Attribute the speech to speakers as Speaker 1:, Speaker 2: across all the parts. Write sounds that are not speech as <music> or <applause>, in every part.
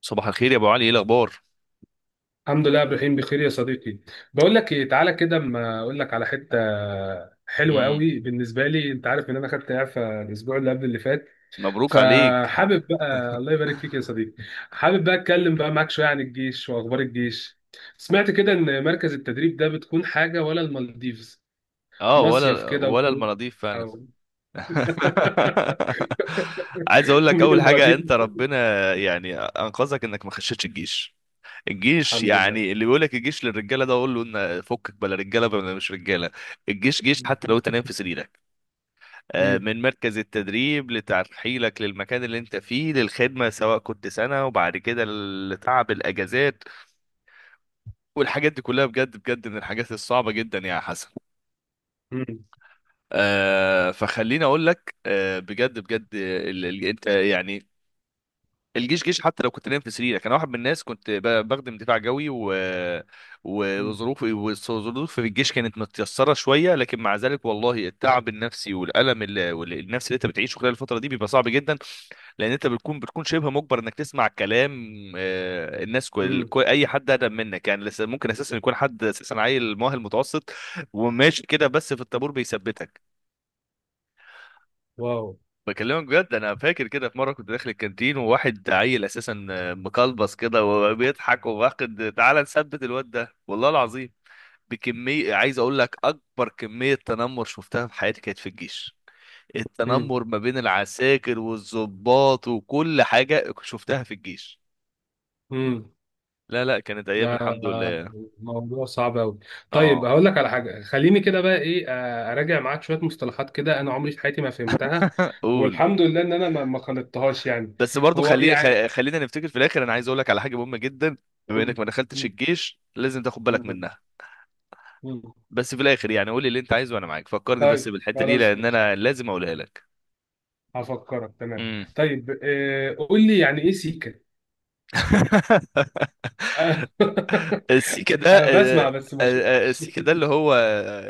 Speaker 1: صباح الخير يا ابو علي، ايه الاخبار؟
Speaker 2: الحمد لله يا ابراهيم بخير يا صديقي. بقول لك ايه، تعالى كده اما اقول لك على حته حلوه
Speaker 1: امم
Speaker 2: قوي بالنسبه لي. انت عارف ان انا خدت اعفاء الاسبوع اللي قبل اللي فات،
Speaker 1: مبروك عليك.
Speaker 2: فحابب بقى. <laughs> الله يبارك فيك يا صديقي. حابب بقى اتكلم بقى معاك شويه عن الجيش واخبار الجيش. سمعت كده ان مركز التدريب ده بتكون حاجه ولا المالديفز،
Speaker 1: اه،
Speaker 2: مصيف
Speaker 1: ولا
Speaker 2: كده
Speaker 1: ولا
Speaker 2: وخروج.
Speaker 1: المناضيف فعلا.
Speaker 2: أو- <laughs>
Speaker 1: <laughs> عايز اقول لك
Speaker 2: مين
Speaker 1: اول حاجه،
Speaker 2: المالديف؟
Speaker 1: انت ربنا انقذك انك ما خشيتش الجيش. الجيش
Speaker 2: الحمد لله.
Speaker 1: يعني اللي بيقول لك الجيش للرجاله ده، اقول له ان فكك بلا رجاله بلا مش رجاله. الجيش جيش حتى لو انت
Speaker 2: <laughs>
Speaker 1: نايم في سريرك.
Speaker 2: مم.
Speaker 1: من مركز التدريب لترحيلك للمكان اللي انت فيه للخدمه، سواء كنت سنه وبعد كده، لتعب الاجازات والحاجات دي كلها، بجد بجد من الحاجات الصعبه جدا يا حسن.
Speaker 2: مم.
Speaker 1: آه، فخليني اقول لك، آه بجد بجد، ال ال انت الجيش جيش حتى لو كنت نايم في سريرك. انا واحد من الناس كنت بخدم دفاع جوي، و
Speaker 2: مم.
Speaker 1: وظروفي وظروفي في الجيش كانت متيسره شويه، لكن مع ذلك والله التعب النفسي والالم النفسي اللي انت بتعيشه خلال الفتره دي بيبقى صعب جدا. لان انت بتكون شبه مجبر انك تسمع كلام. آه، الناس
Speaker 2: مم.
Speaker 1: اي حد اقدم منك يعني لسه ممكن اساسا يكون حد اساسا عيل مؤهل متوسط وماشي كده، بس في الطابور بيثبتك.
Speaker 2: واو.
Speaker 1: بكلمك بجد، انا فاكر كده في مره كنت داخل الكانتين، وواحد عيل اساسا مقلبص كده وبيضحك وواخد، تعالى نثبت الواد ده والله العظيم. بكميه، عايز اقول لك، اكبر كميه تنمر شفتها في حياتي كانت في الجيش.
Speaker 2: مم.
Speaker 1: التنمر ما بين العساكر والضباط وكل حاجه شفتها في الجيش.
Speaker 2: مم.
Speaker 1: لا لا، كانت ايام
Speaker 2: ده
Speaker 1: الحمد لله.
Speaker 2: موضوع صعب قوي. طيب
Speaker 1: اه،
Speaker 2: هقول لك على حاجه، خليني كده بقى ايه، اراجع معاك شويه مصطلحات كده انا عمري في حياتي ما فهمتها.
Speaker 1: قول.
Speaker 2: والحمد لله ان انا ما خلطتهاش يعني.
Speaker 1: بس برضو
Speaker 2: هو إيه يعني؟
Speaker 1: خلينا نفتكر في الاخر، انا عايز اقول لك على حاجه مهمه جدا. بما
Speaker 2: قول
Speaker 1: انك
Speaker 2: لي.
Speaker 1: ما دخلتش
Speaker 2: مم،
Speaker 1: الجيش، لازم تاخد بالك
Speaker 2: الحمد
Speaker 1: منها.
Speaker 2: لله. مم.
Speaker 1: بس في الاخر يعني قول لي اللي انت عايزه وانا معاك، فكرني بس
Speaker 2: طيب
Speaker 1: بالحته دي
Speaker 2: خلاص
Speaker 1: لان
Speaker 2: ماشي،
Speaker 1: انا لازم اقولها لك.
Speaker 2: هفكرك تمام.
Speaker 1: امم
Speaker 2: طيب، قول لي يعني ايه سيكا؟ آه،
Speaker 1: <laughs> <laughs>
Speaker 2: <laughs>
Speaker 1: السيكا ده،
Speaker 2: انا بسمع
Speaker 1: آه،
Speaker 2: بس ما
Speaker 1: آه، آه،
Speaker 2: شفتش.
Speaker 1: السيكا ده اللي هو،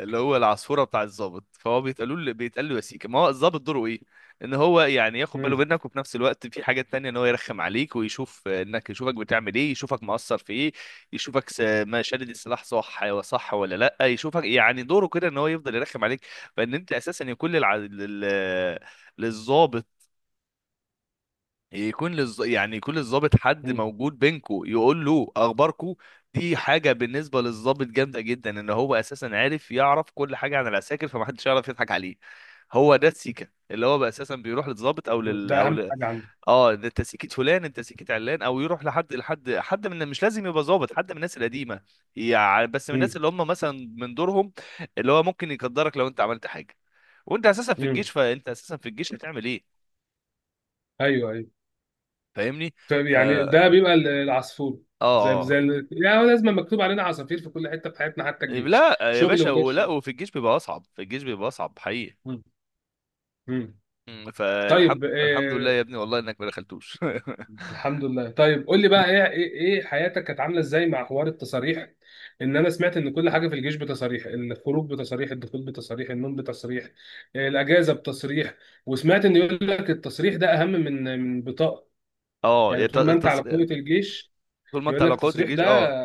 Speaker 1: العصفوره بتاع الضابط. فهو بيتقالوا له، بيتقال له يا سيكا. ما هو الضابط دوره ايه؟ ان هو يعني ياخد باله
Speaker 2: مم،
Speaker 1: منك، وفي نفس الوقت في حاجات تانية ان هو يرخم عليك، ويشوف انك، يشوفك بتعمل ايه، يشوفك مقصر في ايه، يشوفك ما شادد السلاح صح، صح ولا لا، يشوفك يعني دوره كده ان هو يفضل يرخم عليك. فان انت اساسا يكون للضابط، يكون يعني يكون للضابط حد
Speaker 2: مم،
Speaker 1: موجود بينكو يقول له اخباركو. دي حاجه بالنسبه للضابط جامده جدا، ان هو اساسا عارف، يعرف كل حاجه عن العساكر، فمحدش يعرف يضحك عليه. هو ده السيكه، اللي هو بقى اساسا بيروح للضابط او
Speaker 2: مم. ده اهم حاجه عندي.
Speaker 1: اه، ده انت سيكه فلان، انت سيكه علان، او يروح لحد حد، من مش لازم يبقى ضابط، حد من الناس القديمه، يعني بس من الناس
Speaker 2: مم،
Speaker 1: اللي هم مثلا من دورهم، اللي هو ممكن يقدرك لو انت عملت حاجه. وانت اساسا في
Speaker 2: مم.
Speaker 1: الجيش، فانت اساسا في الجيش هتعمل ايه؟
Speaker 2: ايوه ايوه.
Speaker 1: فاهمني؟
Speaker 2: طيب
Speaker 1: ف
Speaker 2: يعني ده بيبقى العصفور.
Speaker 1: اه
Speaker 2: زي
Speaker 1: اه.
Speaker 2: يعني هو لازم مكتوب علينا عصافير في كل حته في حياتنا، حتى
Speaker 1: إيه،
Speaker 2: الجيش
Speaker 1: لا يا
Speaker 2: شغل
Speaker 1: باشا،
Speaker 2: وغير
Speaker 1: ولا.
Speaker 2: شغل.
Speaker 1: وفي الجيش بيبقى اصعب، في الجيش بيبقى اصعب حقيقي.
Speaker 2: مم. مم.
Speaker 1: مم.
Speaker 2: طيب
Speaker 1: فالحمد، الحمد لله
Speaker 2: آه،
Speaker 1: يا ابني والله انك ما دخلتوش. <laughs>
Speaker 2: الحمد لله. طيب قول لي بقى ايه، إيه حياتك كانت عامله ازاي مع حوار التصاريح؟ ان انا سمعت ان كل حاجه في الجيش بتصاريح، الخروج بتصاريح، الدخول بتصاريح، النوم بتصريح، الاجازه بتصريح. وسمعت ان يقول لك التصريح ده اهم من بطاقه،
Speaker 1: اه
Speaker 2: يعني
Speaker 1: يا
Speaker 2: طول ما انت على قوه الجيش
Speaker 1: طول ما انت
Speaker 2: يقول
Speaker 1: على
Speaker 2: لك
Speaker 1: قوة
Speaker 2: التصريح
Speaker 1: الجيش،
Speaker 2: ده.
Speaker 1: اه.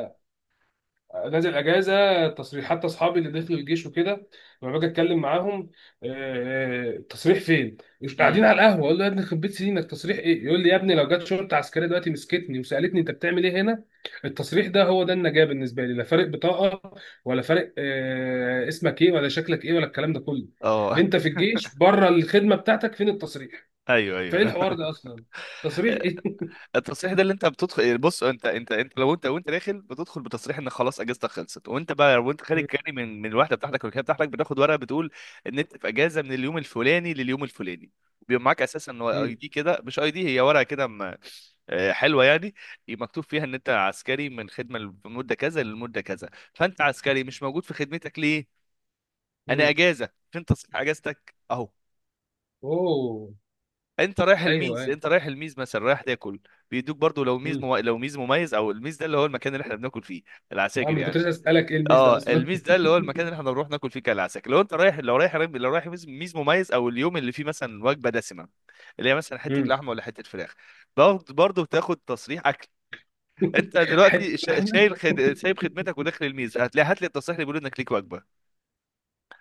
Speaker 2: نازل اجازه تصريحات، اصحابي اللي دخلوا الجيش وكده لما باجي اتكلم معاهم، تصريح فين؟ مش
Speaker 1: مم.
Speaker 2: قاعدين على القهوه؟ اقول له يا ابني يخرب بيت سنينك تصريح ايه؟ يقول لي يا ابني لو جت شرطه عسكريه دلوقتي مسكتني وسالتني انت بتعمل ايه هنا؟ التصريح ده هو ده النجاه بالنسبه لي، لا فارق بطاقه ولا فارق اسمك ايه ولا شكلك ايه ولا الكلام ده كله.
Speaker 1: اه.
Speaker 2: انت في الجيش بره الخدمه بتاعتك، فين التصريح؟
Speaker 1: <laughs> ايوه
Speaker 2: فايه
Speaker 1: ايوه.
Speaker 2: الحوار ده اصلا؟ تصريح ايه؟
Speaker 1: <laughs> التصريح ده اللي انت بتدخل يعني، بص، انت لو انت وانت داخل بتدخل بتصريح، ان خلاص اجازتك خلصت. وانت بقى وانت خارج كاري من الوحده بتاعتك والكليه بتاعتك، بتاخد ورقه بتقول ان انت في اجازه من اليوم الفلاني لليوم الفلاني، وبيبقى معاك اساسا اي دي كده، مش اي دي، هي ورقه كده آه، حلوه يعني، مكتوب فيها ان انت عسكري من خدمه لمده كذا للمده كذا. فانت عسكري مش موجود في خدمتك ليه؟ انا
Speaker 2: <laughs>
Speaker 1: اجازه، فين تصريح اجازتك؟ اهو.
Speaker 2: اوه.
Speaker 1: انت رايح الميز،
Speaker 2: ايوه
Speaker 1: انت رايح الميز مثلا رايح تاكل، بيدوك برضو، لو ميز
Speaker 2: ايوه.
Speaker 1: لو ميز مميز، او الميز ده اللي هو المكان اللي احنا بناكل فيه
Speaker 2: اه،
Speaker 1: العساكر
Speaker 2: ما كنت
Speaker 1: يعني.
Speaker 2: لسه اسالك ايه الميز
Speaker 1: اه
Speaker 2: ده اصلا؟
Speaker 1: الميز ده اللي هو المكان اللي احنا بنروح ناكل فيه كالعساكر، لو انت رايح، لو رايح ميز، ميز مميز، او اليوم اللي فيه مثلا وجبه دسمه، اللي هي مثلا حته
Speaker 2: مم.
Speaker 1: لحمه ولا حته فراخ، برضه برضه بتاخد تصريح اكل. انت
Speaker 2: <laughs> حته
Speaker 1: دلوقتي
Speaker 2: لحمه،
Speaker 1: شايل سايب خدمتك وداخل الميز، هتلاقي هات لي التصريح اللي بيقول انك ليك وجبه.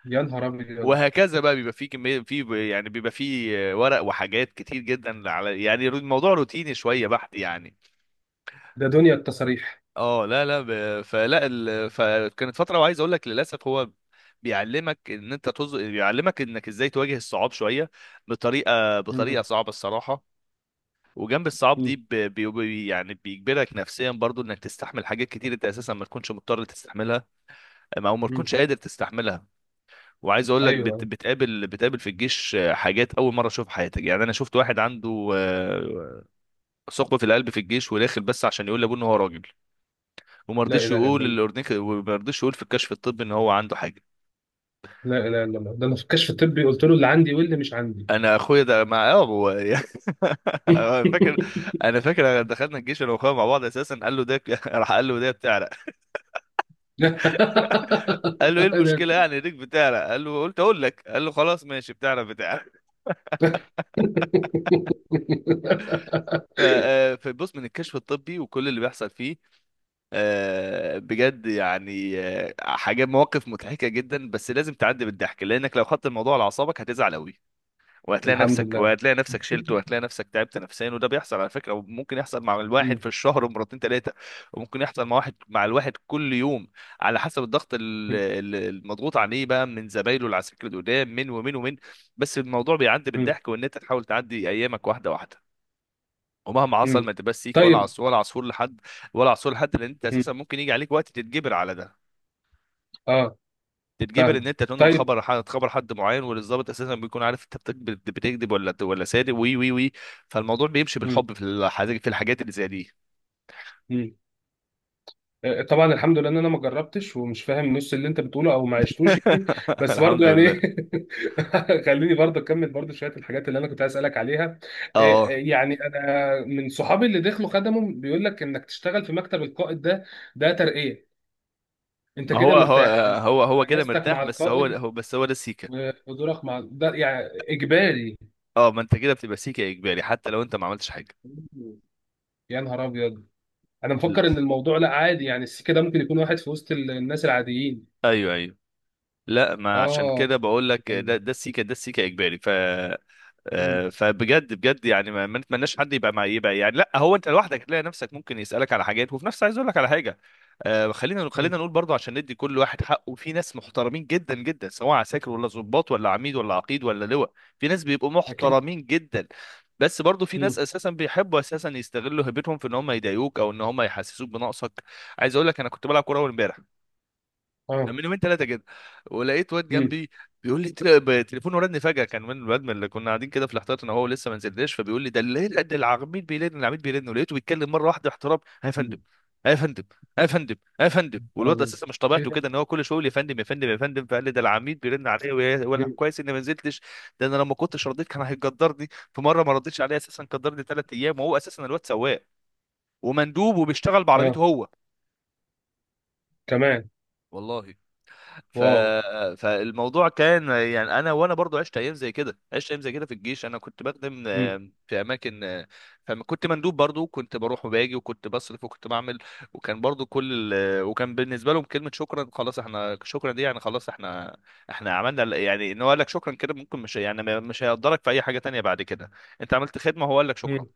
Speaker 2: يا نهار ابيض.
Speaker 1: وهكذا بقى، بيبقى فيه كمية يعني بيبقى فيه ورق وحاجات كتير جدا على الموضوع روتيني شوية بحت يعني.
Speaker 2: ده دنيا التصاريح.
Speaker 1: اه لا لا، فكانت فترة، وعايز اقول لك للأسف، هو بيعلمك ان بيعلمك انك ازاي تواجه الصعاب شوية،
Speaker 2: مم.
Speaker 1: بطريقة صعبة الصراحة. وجنب الصعاب دي،
Speaker 2: مم.
Speaker 1: يعني بيجبرك نفسيا برضو انك تستحمل حاجات كتير انت اساسا ما تكونش مضطر تستحملها، او ما
Speaker 2: مم.
Speaker 1: تكونش قادر تستحملها. وعايز اقول لك، بت...
Speaker 2: ايوه.
Speaker 1: بتقابل بتقابل في الجيش حاجات اول مره اشوفها في حياتك يعني. انا شفت واحد عنده آه، ثقب في القلب في الجيش، وداخل بس عشان يقول لابوه ان هو راجل، وما
Speaker 2: لا
Speaker 1: رضيش
Speaker 2: اله الا
Speaker 1: يقول
Speaker 2: الله.
Speaker 1: للاورنيك، وما رضيش يقول في الكشف الطبي ان هو عنده حاجه.
Speaker 2: لا اله الا الله، ده انا في الكشف الطبي قلت له اللي عندي واللي مش عندي.
Speaker 1: انا اخويا ده مع اه هو <laughs> أنا فاكر، انا
Speaker 2: <laughs>
Speaker 1: فاكر دخلنا الجيش انا واخويا مع بعض اساسا، قال له ده <laughs> راح قال له ده بتعرق. قال له ايه المشكله
Speaker 2: ده-
Speaker 1: يعني، ريك بتعرق؟ قال له، قلت اقول لك. قال له خلاص ماشي، بتعرق بتعرق. آه، فبص من الكشف الطبي وكل اللي بيحصل فيه، آه، بجد يعني آه، حاجات مواقف مضحكة جدا، بس لازم تعدي بالضحك، لأنك لو خدت الموضوع على أعصابك هتزعل أوي. وهتلاقي
Speaker 2: الحمد
Speaker 1: نفسك
Speaker 2: لله.
Speaker 1: وهتلاقي نفسك شلت، وهتلاقي نفسك تعبت نفسيا. وده بيحصل على فكرة، وممكن يحصل مع الواحد
Speaker 2: مم.
Speaker 1: في الشهر ومرتين تلاتة، وممكن يحصل مع واحد مع الواحد كل يوم، على حسب الضغط المضغوط عليه بقى من زمايله العساكر القدام من ومن ومن بس الموضوع بيعدي
Speaker 2: مم.
Speaker 1: بالضحك، وإن أنت تحاول تعدي أيامك واحدة واحدة. ومهما حصل ما
Speaker 2: مم.
Speaker 1: تبقاش سيكه ولا
Speaker 2: طيب.
Speaker 1: عصفور، ولا عصفور لحد، لان انت
Speaker 2: مم.
Speaker 1: اساسا ممكن يجي عليك وقت تتجبر على ده،
Speaker 2: اه،
Speaker 1: تتجبر ان
Speaker 2: فاهم.
Speaker 1: انت تنقل
Speaker 2: طيب.
Speaker 1: خبر حد، خبر حد معين، والضابط اساسا بيكون عارف انت بتكذب ولا صادق، وي وي وي فالموضوع بيمشي
Speaker 2: مم.
Speaker 1: بالحب في الحاجات، في الحاجات اللي زي دي.
Speaker 2: مم. طبعا الحمد لله ان انا ما جربتش ومش فاهم نص اللي انت بتقوله او ما عشتوش،
Speaker 1: <laughs>
Speaker 2: بس برضو
Speaker 1: الحمد
Speaker 2: يعني.
Speaker 1: لله.
Speaker 2: <laughs> خليني برضو اكمل برضو شويه الحاجات اللي انا كنت عايز اسالك عليها،
Speaker 1: اه
Speaker 2: إيه يعني انا من صحابي اللي دخلوا خدموا بيقول لك انك تشتغل في مكتب القائد ده. ده ترقيه، انت
Speaker 1: ما هو
Speaker 2: كده
Speaker 1: هو
Speaker 2: مرتاح انت.
Speaker 1: هو كده
Speaker 2: اجازتك
Speaker 1: مرتاح،
Speaker 2: مع
Speaker 1: بس هو
Speaker 2: القائد
Speaker 1: هو بس هو ده السيكه.
Speaker 2: وحضورك مع ده يعني اجباري.
Speaker 1: اه، ما انت كده بتبقى سيكه اجباري حتى لو انت ما عملتش حاجه.
Speaker 2: يا نهار ابيض. انا مفكر ان الموضوع لا عادي، يعني السكه ده ممكن يكون واحد في وسط الناس العاديين.
Speaker 1: ايوه ايوه. لا، ما عشان
Speaker 2: اه.
Speaker 1: كده بقول لك، ده السيكه، ده السيكه اجباري. آه، فبجد بجد يعني ما نتمناش حد يبقى مع، يبقى يعني، لا هو انت لوحدك هتلاقي نفسك ممكن يسالك على حاجات، وفي نفس، عايز اقول لك على حاجه، آه، خلينا نقول برضو عشان ندي كل واحد حقه، في ناس محترمين جدا جدا، سواء عساكر ولا ضباط ولا عميد ولا عقيد ولا لواء، في ناس بيبقوا محترمين جدا. بس برضو في ناس
Speaker 2: مم.
Speaker 1: اساسا بيحبوا اساسا يستغلوا هيبتهم في ان هم يضايقوك، او ان هم يحسسوك بنقصك. عايز اقول لك، انا كنت بلعب كوره اول امبارح،
Speaker 2: اه.
Speaker 1: من يومين ثلاثه كده، ولقيت واد
Speaker 2: مم.
Speaker 1: جنبي بيقول لي، تليفونه رن فجاه، كان من الواد من اللي كنا قاعدين كده في الاحتياط، انا هو لسه ما نزلناش، فبيقول لي ده ده العميد بيرن، العميد بيرن، ولقيته بيتكلم مره واحده باحترام، "ها يا فندم،
Speaker 2: مم.
Speaker 1: ها يا فندم، ها يا فندم، ها يا فندم".
Speaker 2: نهار
Speaker 1: والواد
Speaker 2: أبيض.
Speaker 1: اساسا مش
Speaker 2: ايه
Speaker 1: طبيعته
Speaker 2: ده؟
Speaker 1: كده ان هو كل شويه يقول يا فندم يا فندم يا فندم، فقال لي ده العميد بيرن عليا، ولا
Speaker 2: مم.
Speaker 1: كويس اني ما نزلتش. ده انا لو ما كنتش رديت كان هيقدرني. في مره ما رديتش عليه اساسا قدرني 3 ايام، وهو اساسا الواد سواق ومندوب وبيشتغل بعربيته
Speaker 2: اه
Speaker 1: هو،
Speaker 2: كمان.
Speaker 1: والله. ف...
Speaker 2: واو.
Speaker 1: فالموضوع كان يعني انا، وانا برضو عشت ايام زي كده، عشت ايام زي كده في الجيش. انا كنت بخدم
Speaker 2: مم.
Speaker 1: آه، في اماكن آه، فكنت مندوب برضو، كنت بروح وباجي، وكنت بصرف وكنت بعمل. وكان برضو وكان بالنسبه لهم كلمه شكرا، خلاص احنا، شكرا دي يعني خلاص احنا، احنا عملنا يعني ان هو قال لك شكرا كده، ممكن مش يعني ما- مش هيقدرك في اي حاجه تانية بعد كده. انت عملت خدمه، هو قال لك شكرا.
Speaker 2: مم.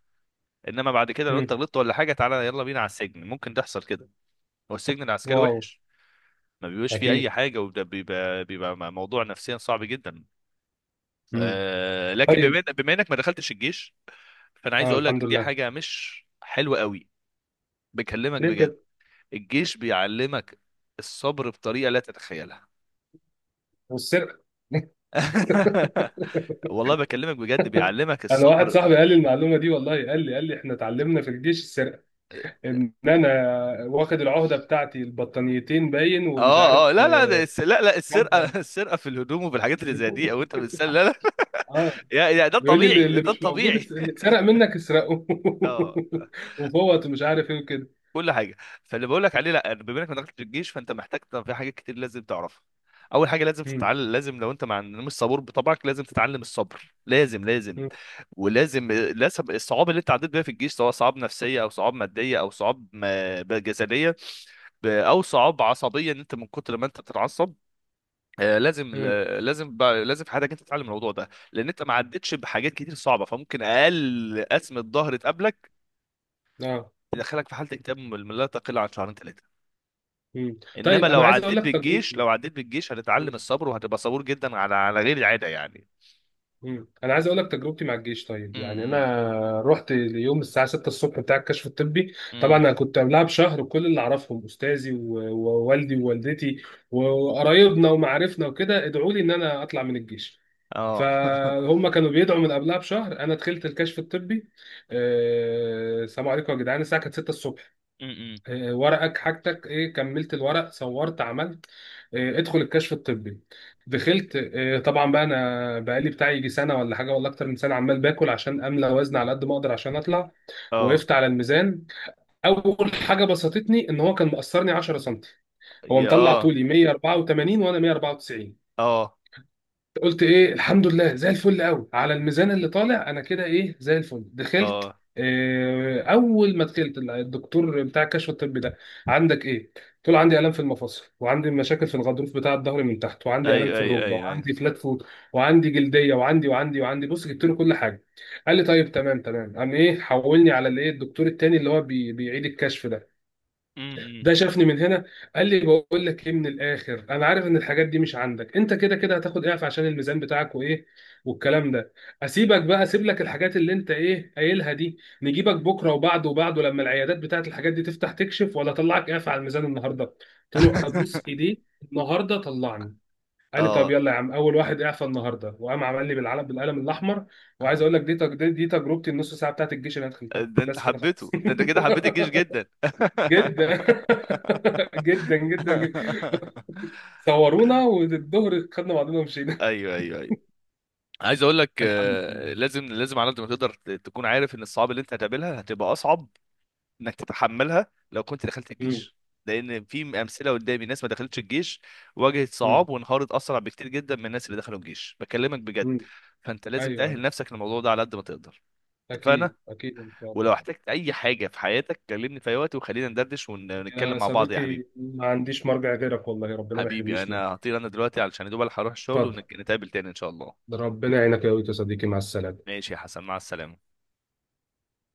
Speaker 1: انما بعد كده لو انت
Speaker 2: مم.
Speaker 1: غلطت ولا حاجه، تعالى يلا بينا على السجن، ممكن تحصل كده. والسجن العسكري
Speaker 2: واو.
Speaker 1: وحش، ما بيبقاش فيه اي
Speaker 2: اكيد.
Speaker 1: حاجه. وده بيبقى موضوع نفسيا صعب جدا.
Speaker 2: مم.
Speaker 1: آه لكن
Speaker 2: طيب.
Speaker 1: بما انك ما دخلتش الجيش، فانا عايز
Speaker 2: اه،
Speaker 1: اقول لك
Speaker 2: الحمد
Speaker 1: دي
Speaker 2: لله.
Speaker 1: حاجه مش حلوه قوي، بكلمك
Speaker 2: ليه
Speaker 1: بجد.
Speaker 2: كده؟
Speaker 1: الجيش بيعلمك الصبر بطريقه لا تتخيلها.
Speaker 2: والسرقه.
Speaker 1: <laughs> والله بكلمك بجد، بيعلمك
Speaker 2: انا واحد
Speaker 1: الصبر.
Speaker 2: صاحبي قال لي المعلومه دي والله، قال لي احنا اتعلمنا في الجيش السرقه، ان انا واخد العهده بتاعتي البطانيتين باين ومش عارف
Speaker 1: اه اه، لا لا،
Speaker 2: آه. مادة.
Speaker 1: السرقه، <laughs> السرقه في الهدوم وفي الحاجات اللي زي دي، او
Speaker 2: <laughs>
Speaker 1: انت بتسال، لا لا.
Speaker 2: اه.
Speaker 1: <laughs> يا يا ده
Speaker 2: بيقول لي
Speaker 1: الطبيعي،
Speaker 2: اللي
Speaker 1: ده
Speaker 2: مش موجود،
Speaker 1: الطبيعي.
Speaker 2: اللي
Speaker 1: <laughs>
Speaker 2: اتسرق منك اسرقه.
Speaker 1: اه،
Speaker 2: <laughs> وفوت ومش عارف ايه وكده.
Speaker 1: كل حاجه. فاللي بقول لك عليه، لا، بما انك ما دخلتش الجيش، فانت محتاج، طب في حاجات كتير لازم تعرفها. اول حاجه لازم
Speaker 2: مم.
Speaker 1: تتعلم، لازم لو انت مع، مش صبور بطبعك، لازم تتعلم الصبر، لازم لازم.
Speaker 2: مم.
Speaker 1: ولازم الصعاب اللي انت عديت بيها في الجيش، سواء صعاب نفسيه او صعاب ماديه او صعاب آه، جسديه او صعاب عصبيه ان انت من كتر ما انت بتتعصب، آه، لازم
Speaker 2: مم.
Speaker 1: آه، لازم في حياتك انت تتعلم الموضوع ده، لان انت ما عدتش بحاجات كتير صعبه، فممكن اقل قسمه ظهر تقابلك
Speaker 2: اه.
Speaker 1: تدخلك في حاله اكتئاب لا تقل عن شهرين 3.
Speaker 2: مم.
Speaker 1: انما
Speaker 2: طيب
Speaker 1: لو
Speaker 2: انا عايز اقول
Speaker 1: عديت
Speaker 2: لك
Speaker 1: بالجيش،
Speaker 2: تجربتي. مم.
Speaker 1: هتتعلم الصبر، وهتبقى صبور جدا على، على غير العاده يعني.
Speaker 2: مم. انا عايز اقول لك تجربتي مع الجيش. طيب يعني
Speaker 1: امم
Speaker 2: انا رحت اليوم الساعه 6 الصبح بتاع الكشف الطبي. طبعا
Speaker 1: امم
Speaker 2: انا كنت قبلها بشهر كل اللي اعرفهم، استاذي ووالدي ووالدتي وقرايبنا ومعارفنا وكده، ادعوا لي ان انا اطلع من الجيش.
Speaker 1: اه. <laughs>
Speaker 2: فهم كانوا بيدعوا من قبلها بشهر. انا دخلت الكشف الطبي، السلام عليكم يا جدعان، الساعه كانت 6 الصبح.
Speaker 1: امم
Speaker 2: ورقك حاجتك ايه، كملت الورق، صورت، عملت ادخل الكشف الطبي. دخلت، طبعا بقى انا بقالي بتاعي يجي سنه ولا حاجه ولا اكتر من سنه عمال باكل عشان املى وزن على قد ما اقدر عشان اطلع.
Speaker 1: اه.
Speaker 2: وقفت على الميزان، اول حاجه بسطتني ان هو كان مقصرني 10 سم، هو
Speaker 1: يا
Speaker 2: مطلع
Speaker 1: اه.
Speaker 2: طولي 184 وانا 194.
Speaker 1: اه
Speaker 2: قلت ايه الحمد لله، زي الفل قوي على الميزان اللي طالع انا كده، ايه زي الفل. دخلت،
Speaker 1: اه.
Speaker 2: اول ما دخلت الدكتور بتاع الكشف الطبي ده، عندك ايه؟ قلت له عندي الام في المفاصل وعندي مشاكل في الغضروف بتاع الظهر من تحت وعندي الام
Speaker 1: ايوه
Speaker 2: في
Speaker 1: ايوه
Speaker 2: الركبه
Speaker 1: ايوه ايوه.
Speaker 2: وعندي فلات فوت وعندي جلديه وعندي بص، جبت له كل حاجه. قال لي طيب تمام تمام، قام ايه حولني على الايه الدكتور التاني اللي هو بيعيد الكشف ده.
Speaker 1: امم
Speaker 2: ده شافني من هنا، قال لي بقول لك ايه، من الاخر انا عارف ان الحاجات دي مش عندك، انت كده كده هتاخد اعف عشان الميزان بتاعك وايه والكلام ده. اسيبك بقى، اسيب لك الحاجات اللي انت ايه قايلها دي، نجيبك بكره وبعده وبعده لما العيادات بتاعت الحاجات دي تفتح تكشف، ولا اطلعك اعف على الميزان النهارده؟ قلت له ابوس
Speaker 1: <laughs>
Speaker 2: ايديه، النهارده طلعني. قال لي طب
Speaker 1: اه،
Speaker 2: يلا يا عم، اول واحد اعفى النهارده، وقام عمل لي بالعلم بالقلم الاحمر. وعايز اقول لك دي تج- دي دي تجربتي، النص ساعه بتاعت الجيش اللي انا دخلتها
Speaker 1: ده انت
Speaker 2: بس كده خلاص.
Speaker 1: حبيته، ده انت كده حبيت
Speaker 2: <laughs>
Speaker 1: الجيش جدا. <laughs>
Speaker 2: جدا. <laughs> جدا جدا جدا، صورونا والظهر خدنا بعضنا ومشينا.
Speaker 1: ايوه ايوه ايوه. عايز اقول لك،
Speaker 2: <laughs> الحمد لله.
Speaker 1: آه، لازم لازم على قد ما تقدر، تكون عارف ان الصعاب اللي انت هتقابلها هتبقى اصعب انك تتحملها لو كنت دخلت
Speaker 2: مم.
Speaker 1: الجيش. لان في امثله قدامي، ناس ما دخلتش الجيش واجهت
Speaker 2: مم.
Speaker 1: صعاب، وانهارت اسرع بكتير جدا من الناس اللي دخلوا الجيش، بكلمك بجد.
Speaker 2: مم.
Speaker 1: فانت لازم
Speaker 2: ايوه
Speaker 1: تاهل
Speaker 2: ايوه.
Speaker 1: نفسك للموضوع ده على قد ما تقدر. اتفقنا.
Speaker 2: اكيد اكيد ان شاء
Speaker 1: ولو
Speaker 2: الله.
Speaker 1: احتجت اي حاجه في حياتك كلمني في اي وقت، وخلينا ندردش ونتكلم
Speaker 2: يا
Speaker 1: مع بعض يا حبيبي.
Speaker 2: صديقي، ما عنديش مرجع غيرك والله، ربنا ما
Speaker 1: حبيبي
Speaker 2: يحرمنيش
Speaker 1: انا
Speaker 2: منك.
Speaker 1: هطير انا دلوقتي علشان يا دوب ألحق اروح الشغل،
Speaker 2: اتفضل.
Speaker 1: ونتقابل تاني ان شاء الله.
Speaker 2: ربنا يعينك يا ويت يا صديقي، مع السلامه.
Speaker 1: ماشي يا حسن، مع السلامه.